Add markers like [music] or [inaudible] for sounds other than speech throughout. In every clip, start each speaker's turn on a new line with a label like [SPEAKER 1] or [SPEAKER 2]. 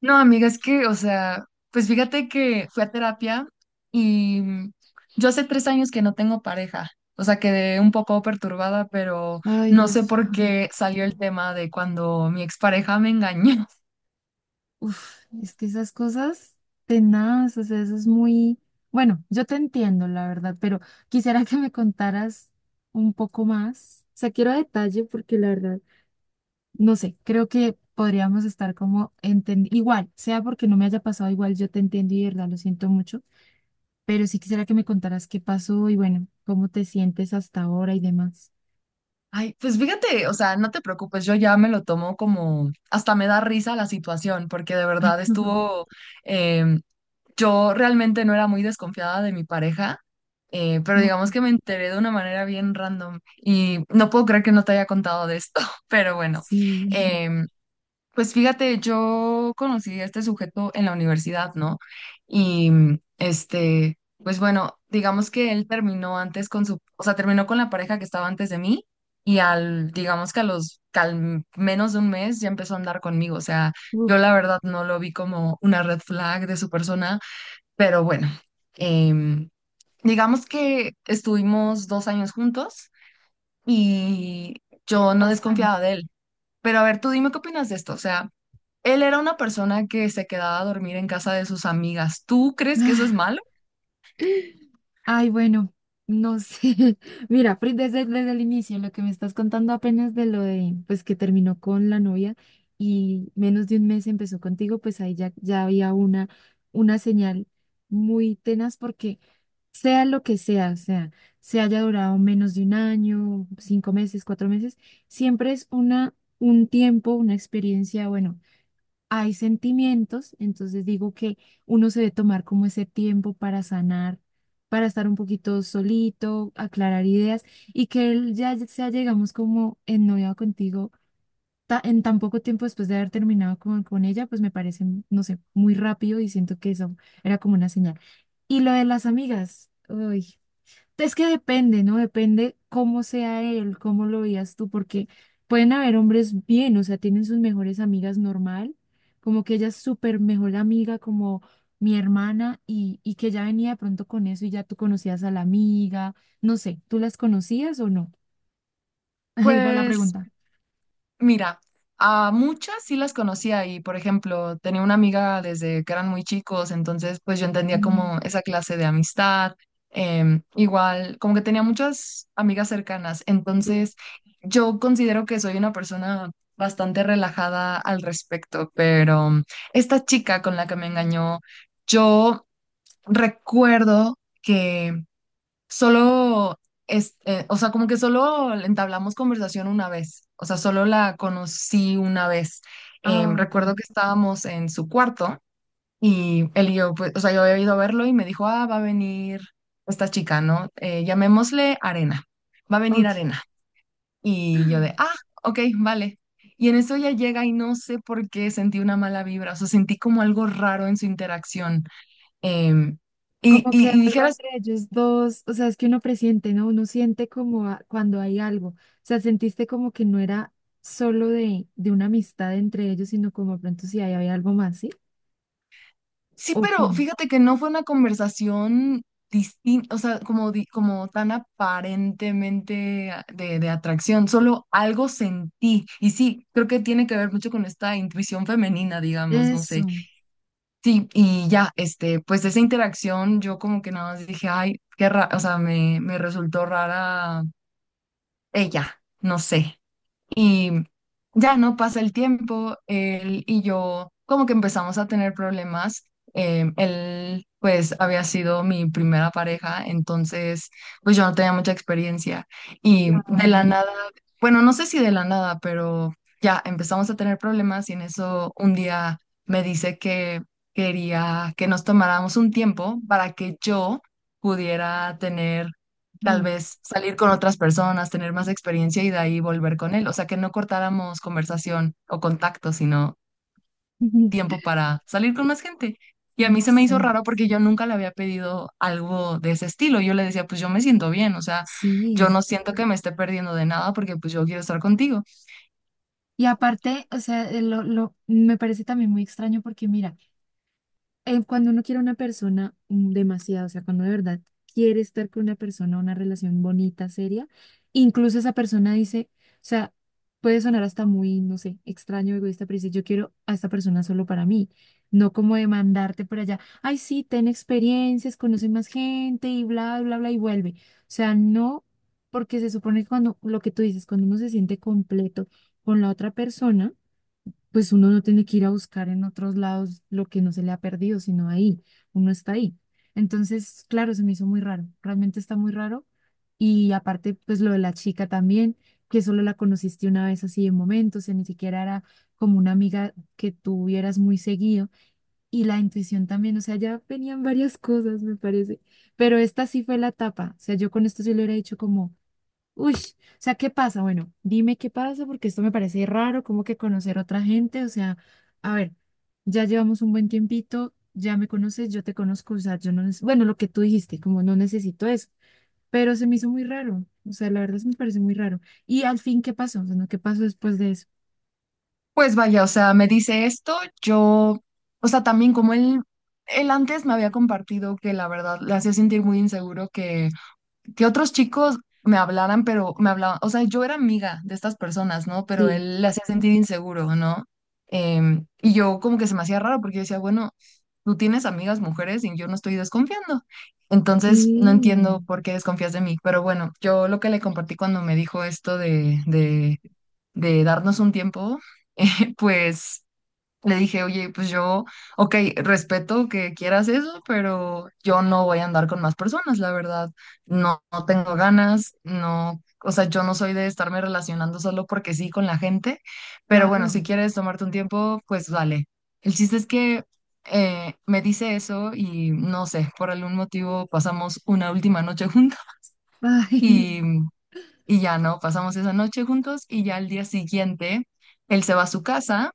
[SPEAKER 1] No, amiga, es que, o sea, pues fíjate que fui a terapia y yo hace 3 años que no tengo pareja. O sea, quedé un poco perturbada, pero
[SPEAKER 2] Ay,
[SPEAKER 1] no sé
[SPEAKER 2] Dios.
[SPEAKER 1] por
[SPEAKER 2] [laughs]
[SPEAKER 1] qué salió el tema de cuando mi expareja me engañó. [laughs]
[SPEAKER 2] Uf, es que esas cosas tenaz, o sea, eso es muy. Bueno, yo te entiendo, la verdad, pero quisiera que me contaras un poco más. O sea, quiero detalle porque la verdad, no sé, creo que podríamos estar como entendiendo. Igual, sea porque no me haya pasado igual, yo te entiendo y de verdad lo siento mucho, pero sí quisiera que me contaras qué pasó y bueno, cómo te sientes hasta ahora y demás.
[SPEAKER 1] Ay, pues fíjate, o sea, no te preocupes, yo ya me lo tomo como, hasta me da risa la situación, porque de verdad
[SPEAKER 2] [laughs]
[SPEAKER 1] estuvo. em, Yo realmente no era muy desconfiada de mi pareja, pero digamos que me
[SPEAKER 2] Ok.
[SPEAKER 1] enteré de una manera bien random y no puedo creer que no te haya contado de esto. [laughs] Pero bueno,
[SPEAKER 2] Sí,
[SPEAKER 1] em, pues fíjate, yo conocí a este sujeto en la universidad, ¿no? Y este, pues bueno, digamos que él terminó antes con su, o sea, terminó con la pareja que estaba antes de mí y al, digamos que a los, que al menos de un mes ya empezó a andar conmigo. O sea,
[SPEAKER 2] [laughs] uf,
[SPEAKER 1] yo la verdad no lo vi como una red flag de su persona, pero bueno, em, digamos que estuvimos 2 años juntos y yo no
[SPEAKER 2] bastante.
[SPEAKER 1] desconfiaba de él. Pero a ver, tú dime qué opinas de esto. O sea, él era una persona que se quedaba a dormir en casa de sus amigas. ¿Tú crees que eso es
[SPEAKER 2] [sighs]
[SPEAKER 1] malo?
[SPEAKER 2] Ay, bueno, no sé. [laughs] Mira, desde el inicio, lo que me estás contando apenas de lo de, pues que terminó con la novia y menos de un mes empezó contigo, pues ahí ya había una señal muy tenaz porque sea lo que sea, o sea, se haya durado menos de un año, cinco meses, cuatro meses, siempre es una, un tiempo, una experiencia, bueno hay sentimientos, entonces digo que uno se debe tomar como ese tiempo para sanar, para estar un poquito solito, aclarar ideas y que él ya sea, llegamos como ennoviado contigo en tan poco tiempo después de haber terminado con ella, pues me parece, no sé, muy rápido y siento que eso era como una señal. Y lo de las amigas, uy, es que depende, ¿no? Depende cómo sea él, cómo lo veas tú, porque pueden haber hombres bien, o sea, tienen sus mejores amigas normal, como que ella es súper mejor amiga, como mi hermana, y que ya venía de pronto con eso y ya tú conocías a la amiga, no sé, ¿tú las conocías o no? [laughs] Ahí va la
[SPEAKER 1] Pues
[SPEAKER 2] pregunta.
[SPEAKER 1] mira, a muchas sí las conocía y, por ejemplo, tenía una amiga desde que eran muy chicos, entonces pues yo entendía
[SPEAKER 2] Mm.
[SPEAKER 1] como esa clase de amistad. Igual, como que tenía muchas amigas cercanas,
[SPEAKER 2] Sí.
[SPEAKER 1] entonces yo considero que soy una persona bastante relajada al respecto. Pero esta chica con la que me engañó, yo recuerdo que solo es, o sea, como que solo entablamos conversación una vez, o sea, solo la conocí una vez.
[SPEAKER 2] Ah, ok,
[SPEAKER 1] Recuerdo que estábamos en su cuarto y él y yo, pues, o sea, yo había ido a verlo y me dijo, ah, va a venir esta chica, ¿no? Llamémosle Arena, va a venir
[SPEAKER 2] ok.
[SPEAKER 1] Arena. Y yo de, ah, ok, vale. Y en eso ella llega y no sé por qué sentí una mala vibra, o sea, sentí como algo raro en su interacción. Em, y,
[SPEAKER 2] Como que
[SPEAKER 1] y, y
[SPEAKER 2] algo
[SPEAKER 1] dijeras.
[SPEAKER 2] entre ellos dos, o sea, es que uno presiente, ¿no? Uno siente como cuando hay algo, o sea, sentiste como que no era solo de una amistad entre ellos, sino como de pronto si ahí había algo más, ¿sí?
[SPEAKER 1] Sí,
[SPEAKER 2] ¿O
[SPEAKER 1] pero
[SPEAKER 2] cómo?
[SPEAKER 1] fíjate que no fue una conversación distinta, o sea, como, como tan aparentemente de, atracción, solo algo sentí. Y sí, creo que tiene que ver mucho con esta intuición femenina, digamos, no sé.
[SPEAKER 2] Eso,
[SPEAKER 1] Sí, y ya, este, pues esa interacción yo como que nada más dije, ay, qué raro, o sea, me resultó rara ella, no sé. Y ya no pasa el tiempo, él y yo como que empezamos a tener problemas. Él pues había sido mi primera pareja, entonces pues yo no tenía mucha experiencia. Y de la
[SPEAKER 2] claro,
[SPEAKER 1] nada, bueno, no sé si de la nada, pero ya empezamos a tener problemas y en eso un día me dice que quería que nos tomáramos un tiempo para que yo pudiera tener, tal
[SPEAKER 2] ay,
[SPEAKER 1] vez salir con otras personas, tener más experiencia y de ahí volver con él. O sea, que no cortáramos conversación o contacto, sino
[SPEAKER 2] [laughs]
[SPEAKER 1] tiempo para salir con más gente. Y a mí
[SPEAKER 2] no
[SPEAKER 1] se me hizo
[SPEAKER 2] sé,
[SPEAKER 1] raro porque yo nunca le había pedido algo de ese estilo. Yo le decía, pues yo me siento bien, o sea, yo
[SPEAKER 2] sí.
[SPEAKER 1] no siento que me esté perdiendo de nada porque pues yo quiero estar contigo.
[SPEAKER 2] Y aparte, o sea, me parece también muy extraño porque mira, cuando uno quiere a una persona demasiado, o sea, cuando de verdad quiere estar con una persona, una relación bonita, seria, incluso esa persona dice, o sea, puede sonar hasta muy, no sé, extraño, egoísta, pero dice, yo quiero a esta persona solo para mí, no como demandarte por allá, ay, sí, ten experiencias, conoce más gente y bla, bla, bla, y vuelve. O sea, no, porque se supone que cuando, lo que tú dices, cuando uno se siente completo con la otra persona, pues uno no tiene que ir a buscar en otros lados lo que no se le ha perdido, sino ahí, uno está ahí. Entonces, claro, se me hizo muy raro, realmente está muy raro. Y aparte, pues lo de la chica también, que solo la conociste una vez así de momento, o sea, ni siquiera era como una amiga que tuvieras muy seguido. Y la intuición también, o sea, ya venían varias cosas, me parece. Pero esta sí fue la tapa, o sea, yo con esto sí le hubiera dicho como. Uy, o sea, ¿qué pasa? Bueno, dime qué pasa porque esto me parece raro, como que conocer a otra gente, o sea, a ver, ya llevamos un buen tiempito, ya me conoces, yo te conozco, o sea, yo no, bueno, lo que tú dijiste, como no necesito eso, pero se me hizo muy raro, o sea, la verdad se me parece muy raro. Y al fin, ¿qué pasó? O sea, ¿no? ¿Qué pasó después de eso?
[SPEAKER 1] Pues vaya, o sea, me dice esto, yo, o sea, también como él antes me había compartido que la verdad le hacía sentir muy inseguro que otros chicos me hablaran, pero me hablaban, o sea, yo era amiga de estas personas, ¿no? Pero
[SPEAKER 2] Sí,
[SPEAKER 1] él le hacía sentir inseguro, ¿no? Y yo como que se me hacía raro porque yo decía, bueno, tú tienes amigas mujeres y yo no estoy desconfiando. Entonces, no
[SPEAKER 2] y
[SPEAKER 1] entiendo por qué desconfías de mí, pero bueno, yo lo que le compartí cuando me dijo esto de, darnos un tiempo, [laughs] pues le dije, oye, pues yo, ok, respeto que quieras eso, pero yo no voy a andar con más personas, la verdad. No, no tengo ganas, no, o sea, yo no soy de estarme relacionando solo porque sí con la gente, pero bueno,
[SPEAKER 2] claro,
[SPEAKER 1] si quieres tomarte un tiempo, pues vale. El chiste es que me dice eso y no sé, por algún motivo pasamos una última noche juntos [laughs]
[SPEAKER 2] ay,
[SPEAKER 1] y,
[SPEAKER 2] [laughs]
[SPEAKER 1] y ya no, pasamos esa noche juntos y ya al día siguiente él se va a su casa.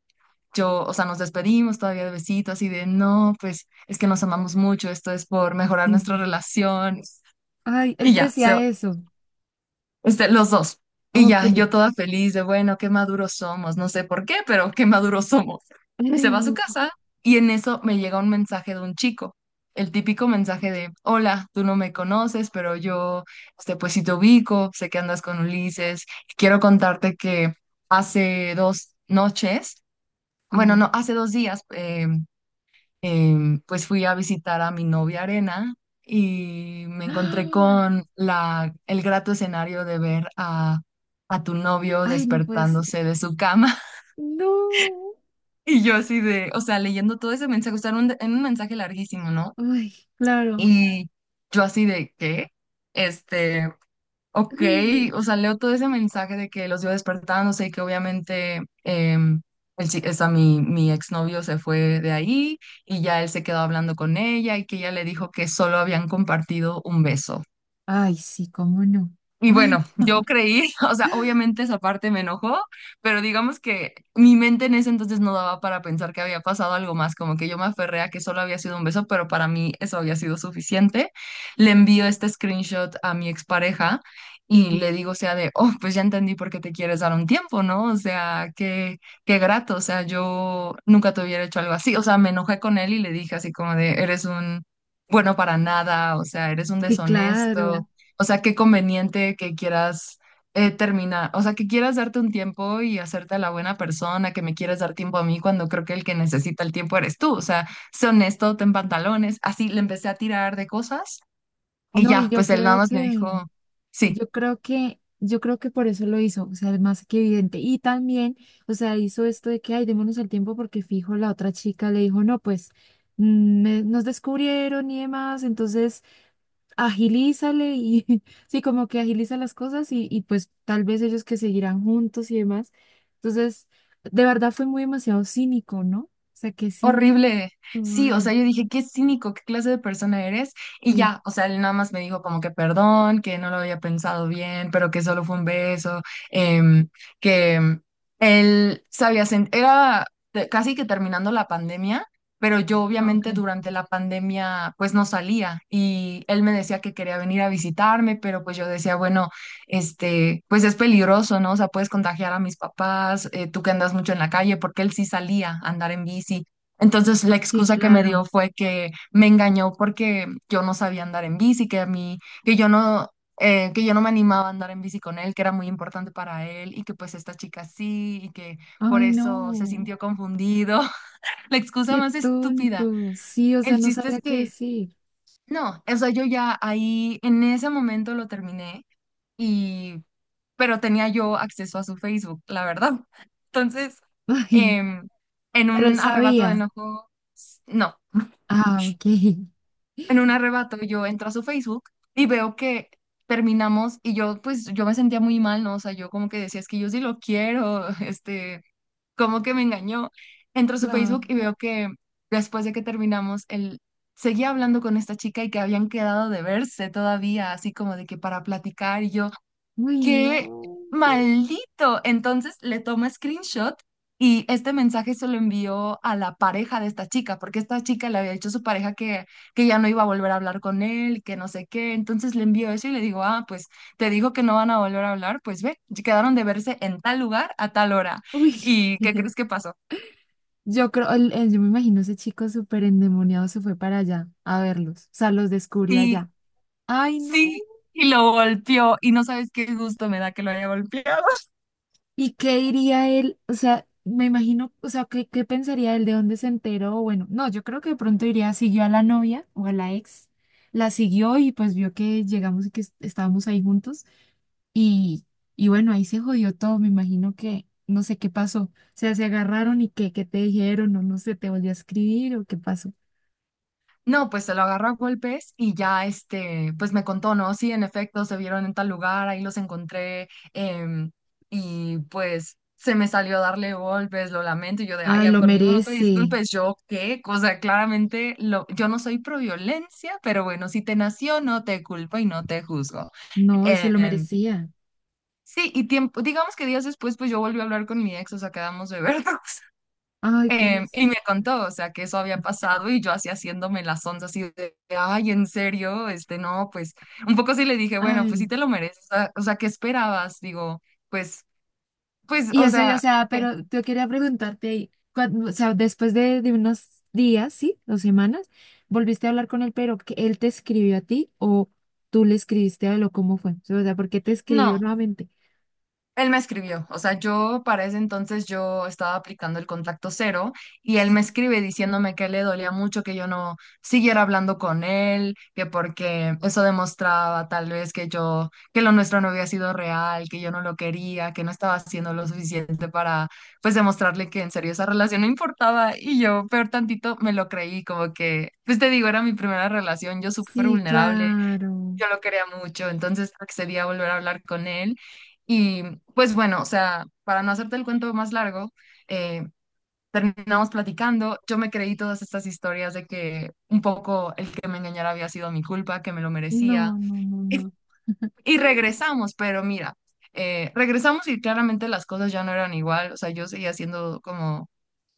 [SPEAKER 1] Yo, o sea, nos despedimos todavía de besitos así de, no, pues es que nos amamos mucho, esto es por mejorar
[SPEAKER 2] sí,
[SPEAKER 1] nuestra
[SPEAKER 2] sí, sí.
[SPEAKER 1] relación,
[SPEAKER 2] Ay, él
[SPEAKER 1] y
[SPEAKER 2] te
[SPEAKER 1] ya, se,
[SPEAKER 2] decía eso,
[SPEAKER 1] este, los dos. Y
[SPEAKER 2] ok.
[SPEAKER 1] ya, yo toda feliz de, bueno, qué maduros somos, no sé por qué, pero qué maduros somos. Se
[SPEAKER 2] Ay,
[SPEAKER 1] va a su
[SPEAKER 2] no,
[SPEAKER 1] casa y en eso me llega un mensaje de un chico, el típico mensaje de, hola, tú no me conoces, pero yo, este, pues sí te ubico, sé que andas con Ulises, quiero contarte que hace 2 noches, bueno,
[SPEAKER 2] sí.
[SPEAKER 1] no, hace 2 días, pues fui a visitar a mi novia Arena y me encontré
[SPEAKER 2] ¡Ah! [gasps]
[SPEAKER 1] con la, el grato escenario de ver a tu novio
[SPEAKER 2] Ay, no puede ser.
[SPEAKER 1] despertándose de su cama.
[SPEAKER 2] No.
[SPEAKER 1] [laughs] Y yo así de, o sea, leyendo todo ese mensaje, o sea, era un, mensaje larguísimo, ¿no?
[SPEAKER 2] Ay, claro.
[SPEAKER 1] Y yo así de, ¿qué? Este, ok,
[SPEAKER 2] Ay, no.
[SPEAKER 1] o sea, leo todo ese mensaje de que los iba despertando, sé que obviamente o sea, mi exnovio se fue de ahí y ya él se quedó hablando con ella y que ella le dijo que solo habían compartido un beso.
[SPEAKER 2] Ay, sí, cómo no.
[SPEAKER 1] Y
[SPEAKER 2] Ay,
[SPEAKER 1] bueno, yo creí, [laughs] o sea, obviamente esa parte me enojó, pero digamos que mi mente en ese entonces no daba para pensar que había pasado algo más, como que yo me aferré a que solo había sido un beso, pero para mí eso había sido suficiente. Le envío este screenshot a mi expareja
[SPEAKER 2] sí,
[SPEAKER 1] y
[SPEAKER 2] sí,
[SPEAKER 1] le digo, o sea, de, oh, pues ya entendí por qué te quieres dar un tiempo, ¿no? O sea, qué grato, o sea, yo nunca te hubiera hecho algo así, o sea, me enojé con él y le dije así como de, eres un bueno para nada, o sea, eres un
[SPEAKER 2] sí, claro.
[SPEAKER 1] deshonesto, o sea, qué conveniente que quieras terminar, o sea, que quieras darte un tiempo y hacerte la buena persona, que me quieres dar tiempo a mí cuando creo que el que necesita el tiempo eres tú. O sea, sé honesto, ten pantalones. Así le empecé a tirar de cosas y
[SPEAKER 2] No, y
[SPEAKER 1] ya,
[SPEAKER 2] yo
[SPEAKER 1] pues él nada
[SPEAKER 2] creo
[SPEAKER 1] más me
[SPEAKER 2] que,
[SPEAKER 1] dijo, sí.
[SPEAKER 2] yo creo que, yo creo que por eso lo hizo, o sea, es más que evidente. Y también, o sea, hizo esto de que, ay, démonos el tiempo porque fijo, la otra chica le dijo, no, pues nos descubrieron y demás, entonces agilízale y [laughs] sí, como que agiliza las cosas y pues tal vez ellos que seguirán juntos y demás. Entonces, de verdad fue muy demasiado cínico, ¿no? O sea, qué cínico,
[SPEAKER 1] Horrible. Sí, o
[SPEAKER 2] madre.
[SPEAKER 1] sea, yo dije, qué cínico, qué clase de persona eres. Y
[SPEAKER 2] Sí,
[SPEAKER 1] ya, o sea, él nada más me dijo como que perdón, que no lo había pensado bien, pero que solo fue un beso. em, que em, Él sabía, era casi que terminando la pandemia, pero yo obviamente
[SPEAKER 2] Ok.
[SPEAKER 1] durante la pandemia pues no salía y él me decía que quería venir a visitarme, pero pues yo decía, bueno, este, pues es peligroso, ¿no? O sea, puedes contagiar a mis papás, tú que andas mucho en la calle, porque él sí salía a andar en bici. Entonces la
[SPEAKER 2] Sí,
[SPEAKER 1] excusa que me
[SPEAKER 2] claro.
[SPEAKER 1] dio fue que me engañó porque yo no sabía andar en bici, que a mí, que yo no me animaba a andar en bici con él, que era muy importante para él y que pues esta chica sí y que por
[SPEAKER 2] Ay, no,
[SPEAKER 1] eso se sintió confundido. [laughs] La excusa
[SPEAKER 2] qué
[SPEAKER 1] más estúpida.
[SPEAKER 2] tonto. Sí, o sea,
[SPEAKER 1] El
[SPEAKER 2] no
[SPEAKER 1] chiste es
[SPEAKER 2] sabía qué
[SPEAKER 1] que
[SPEAKER 2] decir.
[SPEAKER 1] no, o sea, yo ya ahí en ese momento lo terminé y, pero tenía yo acceso a su Facebook, la verdad. [laughs] Entonces,
[SPEAKER 2] [laughs] Ay,
[SPEAKER 1] em, en
[SPEAKER 2] pero él
[SPEAKER 1] un arrebato de
[SPEAKER 2] sabía.
[SPEAKER 1] enojo, no.
[SPEAKER 2] Ah, ok.
[SPEAKER 1] En un arrebato yo entro a su Facebook y veo que terminamos y yo, pues yo me sentía muy mal, ¿no? O sea, yo como que decía, es que yo sí lo quiero, [laughs] este, como que me engañó. Entro a su Facebook
[SPEAKER 2] Claro.
[SPEAKER 1] y veo que después de que terminamos, él seguía hablando con esta chica y que habían quedado de verse todavía, así como de que para platicar, y yo,
[SPEAKER 2] Uy,
[SPEAKER 1] ¡qué
[SPEAKER 2] no.
[SPEAKER 1] maldito! Entonces le toma screenshot y este mensaje se lo envió a la pareja de esta chica, porque esta chica le había dicho a su pareja que ya no iba a volver a hablar con él, que no sé qué. Entonces le envió eso y le digo, ah, pues te digo que no van a volver a hablar, pues ve, ya quedaron de verse en tal lugar a tal hora.
[SPEAKER 2] Uy.
[SPEAKER 1] ¿Y qué crees
[SPEAKER 2] [laughs]
[SPEAKER 1] que pasó?
[SPEAKER 2] Yo creo, yo me imagino ese chico súper endemoniado se fue para allá a verlos, o sea, los descubrió
[SPEAKER 1] Y
[SPEAKER 2] allá. Ay, no.
[SPEAKER 1] sí, y lo golpeó y no sabes qué gusto me da que lo haya golpeado.
[SPEAKER 2] ¿Y qué diría él? O sea, me imagino, o sea, ¿qué pensaría él de dónde se enteró? Bueno, no, yo creo que de pronto iría, siguió a la novia o a la ex, la siguió y pues vio que llegamos y que estábamos ahí juntos y, y bueno, ahí se jodió todo, me imagino que no sé qué pasó. O sea, se agarraron y qué te dijeron o no sé, te volvió a escribir o qué pasó.
[SPEAKER 1] No, pues se lo agarró a golpes y ya, este, pues me contó, ¿no? Sí, en efecto, se vieron en tal lugar, ahí los encontré, em, y pues se me salió a darle golpes, lo lamento, y yo de, ay,
[SPEAKER 2] Ay,
[SPEAKER 1] ya,
[SPEAKER 2] lo
[SPEAKER 1] conmigo no te
[SPEAKER 2] merece.
[SPEAKER 1] disculpes, yo qué, o sea, claramente lo, yo no soy pro violencia, pero bueno, si te nació, no te culpo y no te juzgo.
[SPEAKER 2] No, y se lo
[SPEAKER 1] Em,
[SPEAKER 2] merecía.
[SPEAKER 1] sí, y tiempo, digamos que días después, pues yo volví a hablar con mi ex, o sea, quedamos de [laughs] vernos.
[SPEAKER 2] Ay, ¿cómo es?
[SPEAKER 1] Y me contó, o sea, que eso había pasado y yo así haciéndome las ondas así de, ay, en serio, este, no, pues, un poco sí le dije, bueno, pues sí
[SPEAKER 2] Ay.
[SPEAKER 1] te lo mereces, o sea, ¿qué esperabas? Digo, pues,
[SPEAKER 2] Y
[SPEAKER 1] o
[SPEAKER 2] eso yo, o
[SPEAKER 1] sea,
[SPEAKER 2] sea,
[SPEAKER 1] ¿por qué?
[SPEAKER 2] pero yo quería preguntarte, ahí, o sea, después de unos días, ¿sí? Dos semanas, ¿volviste a hablar con él, pero que él te escribió a ti o tú le escribiste a él o cómo fue? O sea, ¿por qué te escribió
[SPEAKER 1] No.
[SPEAKER 2] nuevamente?
[SPEAKER 1] Él me escribió, o sea, yo para ese entonces yo estaba aplicando el contacto cero y él me
[SPEAKER 2] Sí,
[SPEAKER 1] escribe diciéndome que le dolía mucho que yo no siguiera hablando con él, que porque eso demostraba tal vez, que lo nuestro no había sido real, que yo no lo quería, que no estaba haciendo lo suficiente para pues demostrarle que en serio esa relación no importaba y yo peor tantito me lo creí, como que, pues te digo, era mi primera relación, yo súper
[SPEAKER 2] sí,
[SPEAKER 1] vulnerable,
[SPEAKER 2] claro.
[SPEAKER 1] yo lo quería mucho, entonces accedí a volver a hablar con él. Y pues bueno, o sea, para no hacerte el cuento más largo, eh, terminamos platicando, yo me creí todas estas historias de que un poco el que me engañara había sido mi culpa, que me lo merecía.
[SPEAKER 2] No, no, no,
[SPEAKER 1] Y,
[SPEAKER 2] no. [laughs]
[SPEAKER 1] y regresamos, pero mira, regresamos y claramente las cosas ya no eran igual, o sea, yo seguía siendo como,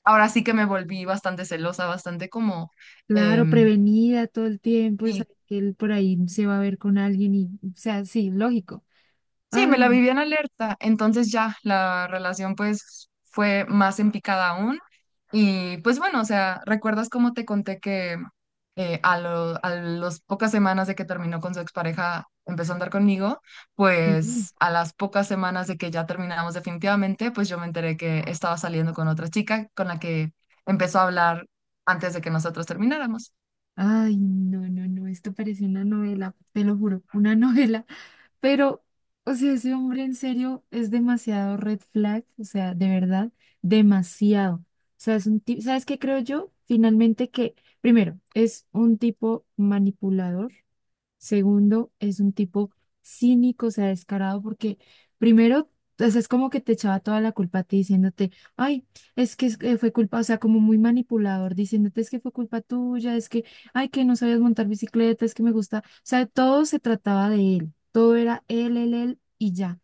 [SPEAKER 1] ahora sí que me volví bastante celosa, bastante como... Eh,
[SPEAKER 2] Claro, prevenida todo el tiempo, es que él por ahí se va a ver con alguien y, o sea, sí, lógico.
[SPEAKER 1] sí, me la
[SPEAKER 2] Ay,
[SPEAKER 1] viví en alerta, entonces ya la relación pues fue más en picada aún y pues bueno, o sea, ¿recuerdas cómo te conté que a las pocas semanas de que terminó con su expareja empezó a andar conmigo?
[SPEAKER 2] sí.
[SPEAKER 1] Pues a las pocas semanas de que ya terminamos definitivamente, pues yo me enteré que estaba saliendo con otra chica con la que empezó a hablar antes de que nosotros termináramos.
[SPEAKER 2] Ay, no, no, no, esto parece una novela, te lo juro, una [laughs] novela. Pero, o sea, ese hombre en serio es demasiado red flag, o sea, de verdad, demasiado. O sea, es un tipo, ¿sabes qué creo yo? Finalmente que, primero, es un tipo manipulador. Segundo, es un tipo cínico, o sea, descarado, porque primero, o sea, es como que te echaba toda la culpa a ti diciéndote, ay, es que fue culpa, o sea, como muy manipulador, diciéndote es que fue culpa tuya, es que, ay, que no sabías montar bicicleta, es que me gusta, o sea, todo se trataba de él, todo era él, él, él y ya.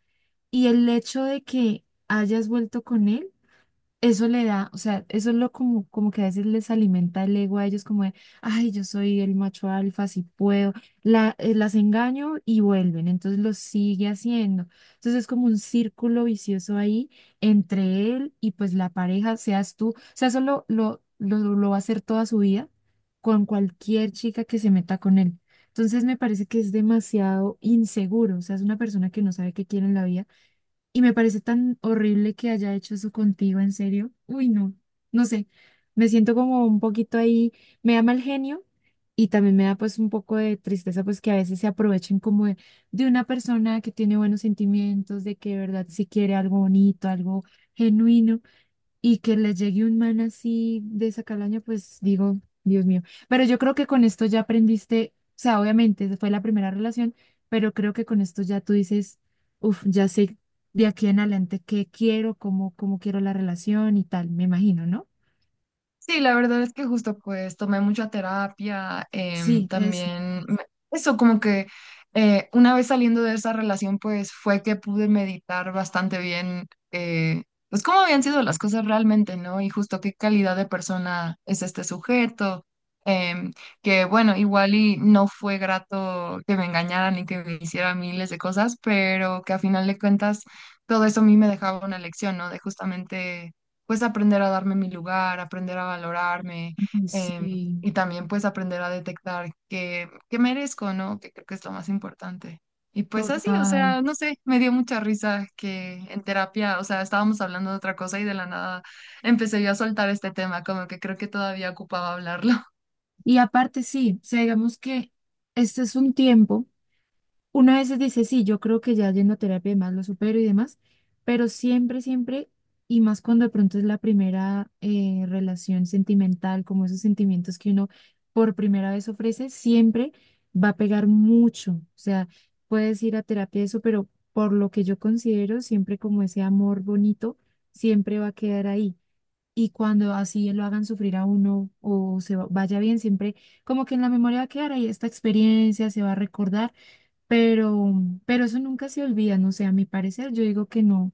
[SPEAKER 2] Y el hecho de que hayas vuelto con él eso le da, o sea, eso es lo como, como que a veces les alimenta el ego a ellos como de, ay, yo soy el macho alfa, si puedo, las engaño y vuelven, entonces lo sigue haciendo. Entonces es como un círculo vicioso ahí entre él y pues la pareja, seas tú, o sea, eso lo va a hacer toda su vida con cualquier chica que se meta con él. Entonces me parece que es demasiado inseguro, o sea, es una persona que no sabe qué quiere en la vida y me parece tan horrible que haya hecho eso contigo, en serio. Uy, no, no sé. Me siento como un poquito ahí, me da mal genio y también me da pues un poco de tristeza pues que a veces se aprovechen como de una persona que tiene buenos sentimientos, de que de verdad si quiere algo bonito, algo genuino y que les llegue un man así de esa calaña, pues digo, Dios mío. Pero yo creo que con esto ya aprendiste, o sea, obviamente esa fue la primera relación, pero creo que con esto ya tú dices, uff, ya sé de aquí en adelante qué quiero, cómo quiero la relación y tal, me imagino, ¿no?
[SPEAKER 1] Sí, la verdad es que justo pues tomé mucha terapia,
[SPEAKER 2] Sí, eso,
[SPEAKER 1] también eso como que una vez saliendo de esa relación pues fue que pude meditar bastante bien, pues cómo habían sido las cosas realmente, ¿no? Y justo qué calidad de persona es este sujeto, em, que bueno, igual y no fue grato que me engañaran y que me hicieran miles de cosas, pero que a final de cuentas todo eso a mí me dejaba una lección, ¿no? De justamente pues aprender a darme mi lugar, aprender a valorarme,
[SPEAKER 2] ay,
[SPEAKER 1] em,
[SPEAKER 2] sí,
[SPEAKER 1] y también pues aprender a detectar, que merezco, ¿no? Que creo que es lo más importante. Y pues así, o
[SPEAKER 2] total.
[SPEAKER 1] sea, no sé, me dio mucha risa que en terapia, o sea, estábamos hablando de otra cosa y de la nada empecé yo a soltar este tema, como que creo que todavía ocupaba hablarlo. [laughs]
[SPEAKER 2] Y aparte, sí, o sea, digamos que este es un tiempo. Una a veces dice, sí, yo creo que ya yendo a terapia y demás lo supero y demás, pero siempre, siempre, y más cuando de pronto es la primera relación sentimental, como esos sentimientos que uno por primera vez ofrece, siempre va a pegar mucho. O sea, puedes ir a terapia y eso, pero por lo que yo considero, siempre como ese amor bonito, siempre va a quedar ahí. Y cuando así lo hagan sufrir a uno o vaya bien, siempre como que en la memoria va a quedar ahí esta experiencia, se va a recordar, pero, pero eso nunca se olvida, no sé, a mi parecer, yo digo que no,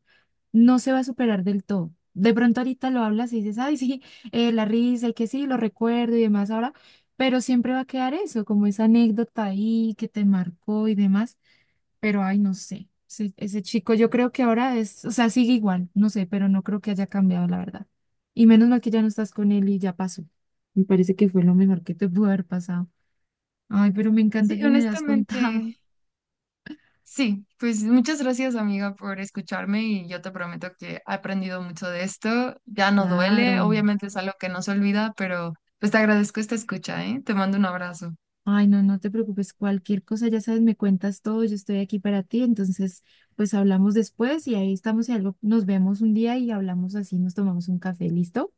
[SPEAKER 2] no se va a superar del todo. De pronto ahorita lo hablas y dices, ay, sí, la risa y que sí, lo recuerdo y demás ahora, pero siempre va a quedar eso, como esa anécdota ahí que te marcó y demás, pero ay, no sé, ese chico yo creo que ahora es, o sea, sigue igual, no sé, pero no creo que haya cambiado, la verdad. Y menos mal que ya no estás con él y ya pasó. Me parece que fue lo mejor que te pudo haber pasado. Ay, pero me encanta
[SPEAKER 1] Sí,
[SPEAKER 2] que me hayas [laughs]
[SPEAKER 1] honestamente,
[SPEAKER 2] contado.
[SPEAKER 1] sí, pues muchas gracias amiga por escucharme y yo te prometo que he aprendido mucho de esto. Ya no duele,
[SPEAKER 2] Claro.
[SPEAKER 1] obviamente es algo que no se olvida, pero pues te agradezco esta escucha, ¿eh? Te mando un abrazo.
[SPEAKER 2] Ay, no, no te preocupes, cualquier cosa, ya sabes, me cuentas todo, yo estoy aquí para ti, entonces, pues hablamos después y ahí estamos, y algo, nos vemos un día y hablamos así, nos tomamos un café, ¿listo?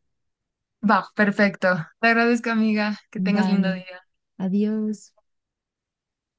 [SPEAKER 1] Va, perfecto. Te agradezco amiga, que tengas lindo
[SPEAKER 2] Dale,
[SPEAKER 1] día.
[SPEAKER 2] adiós.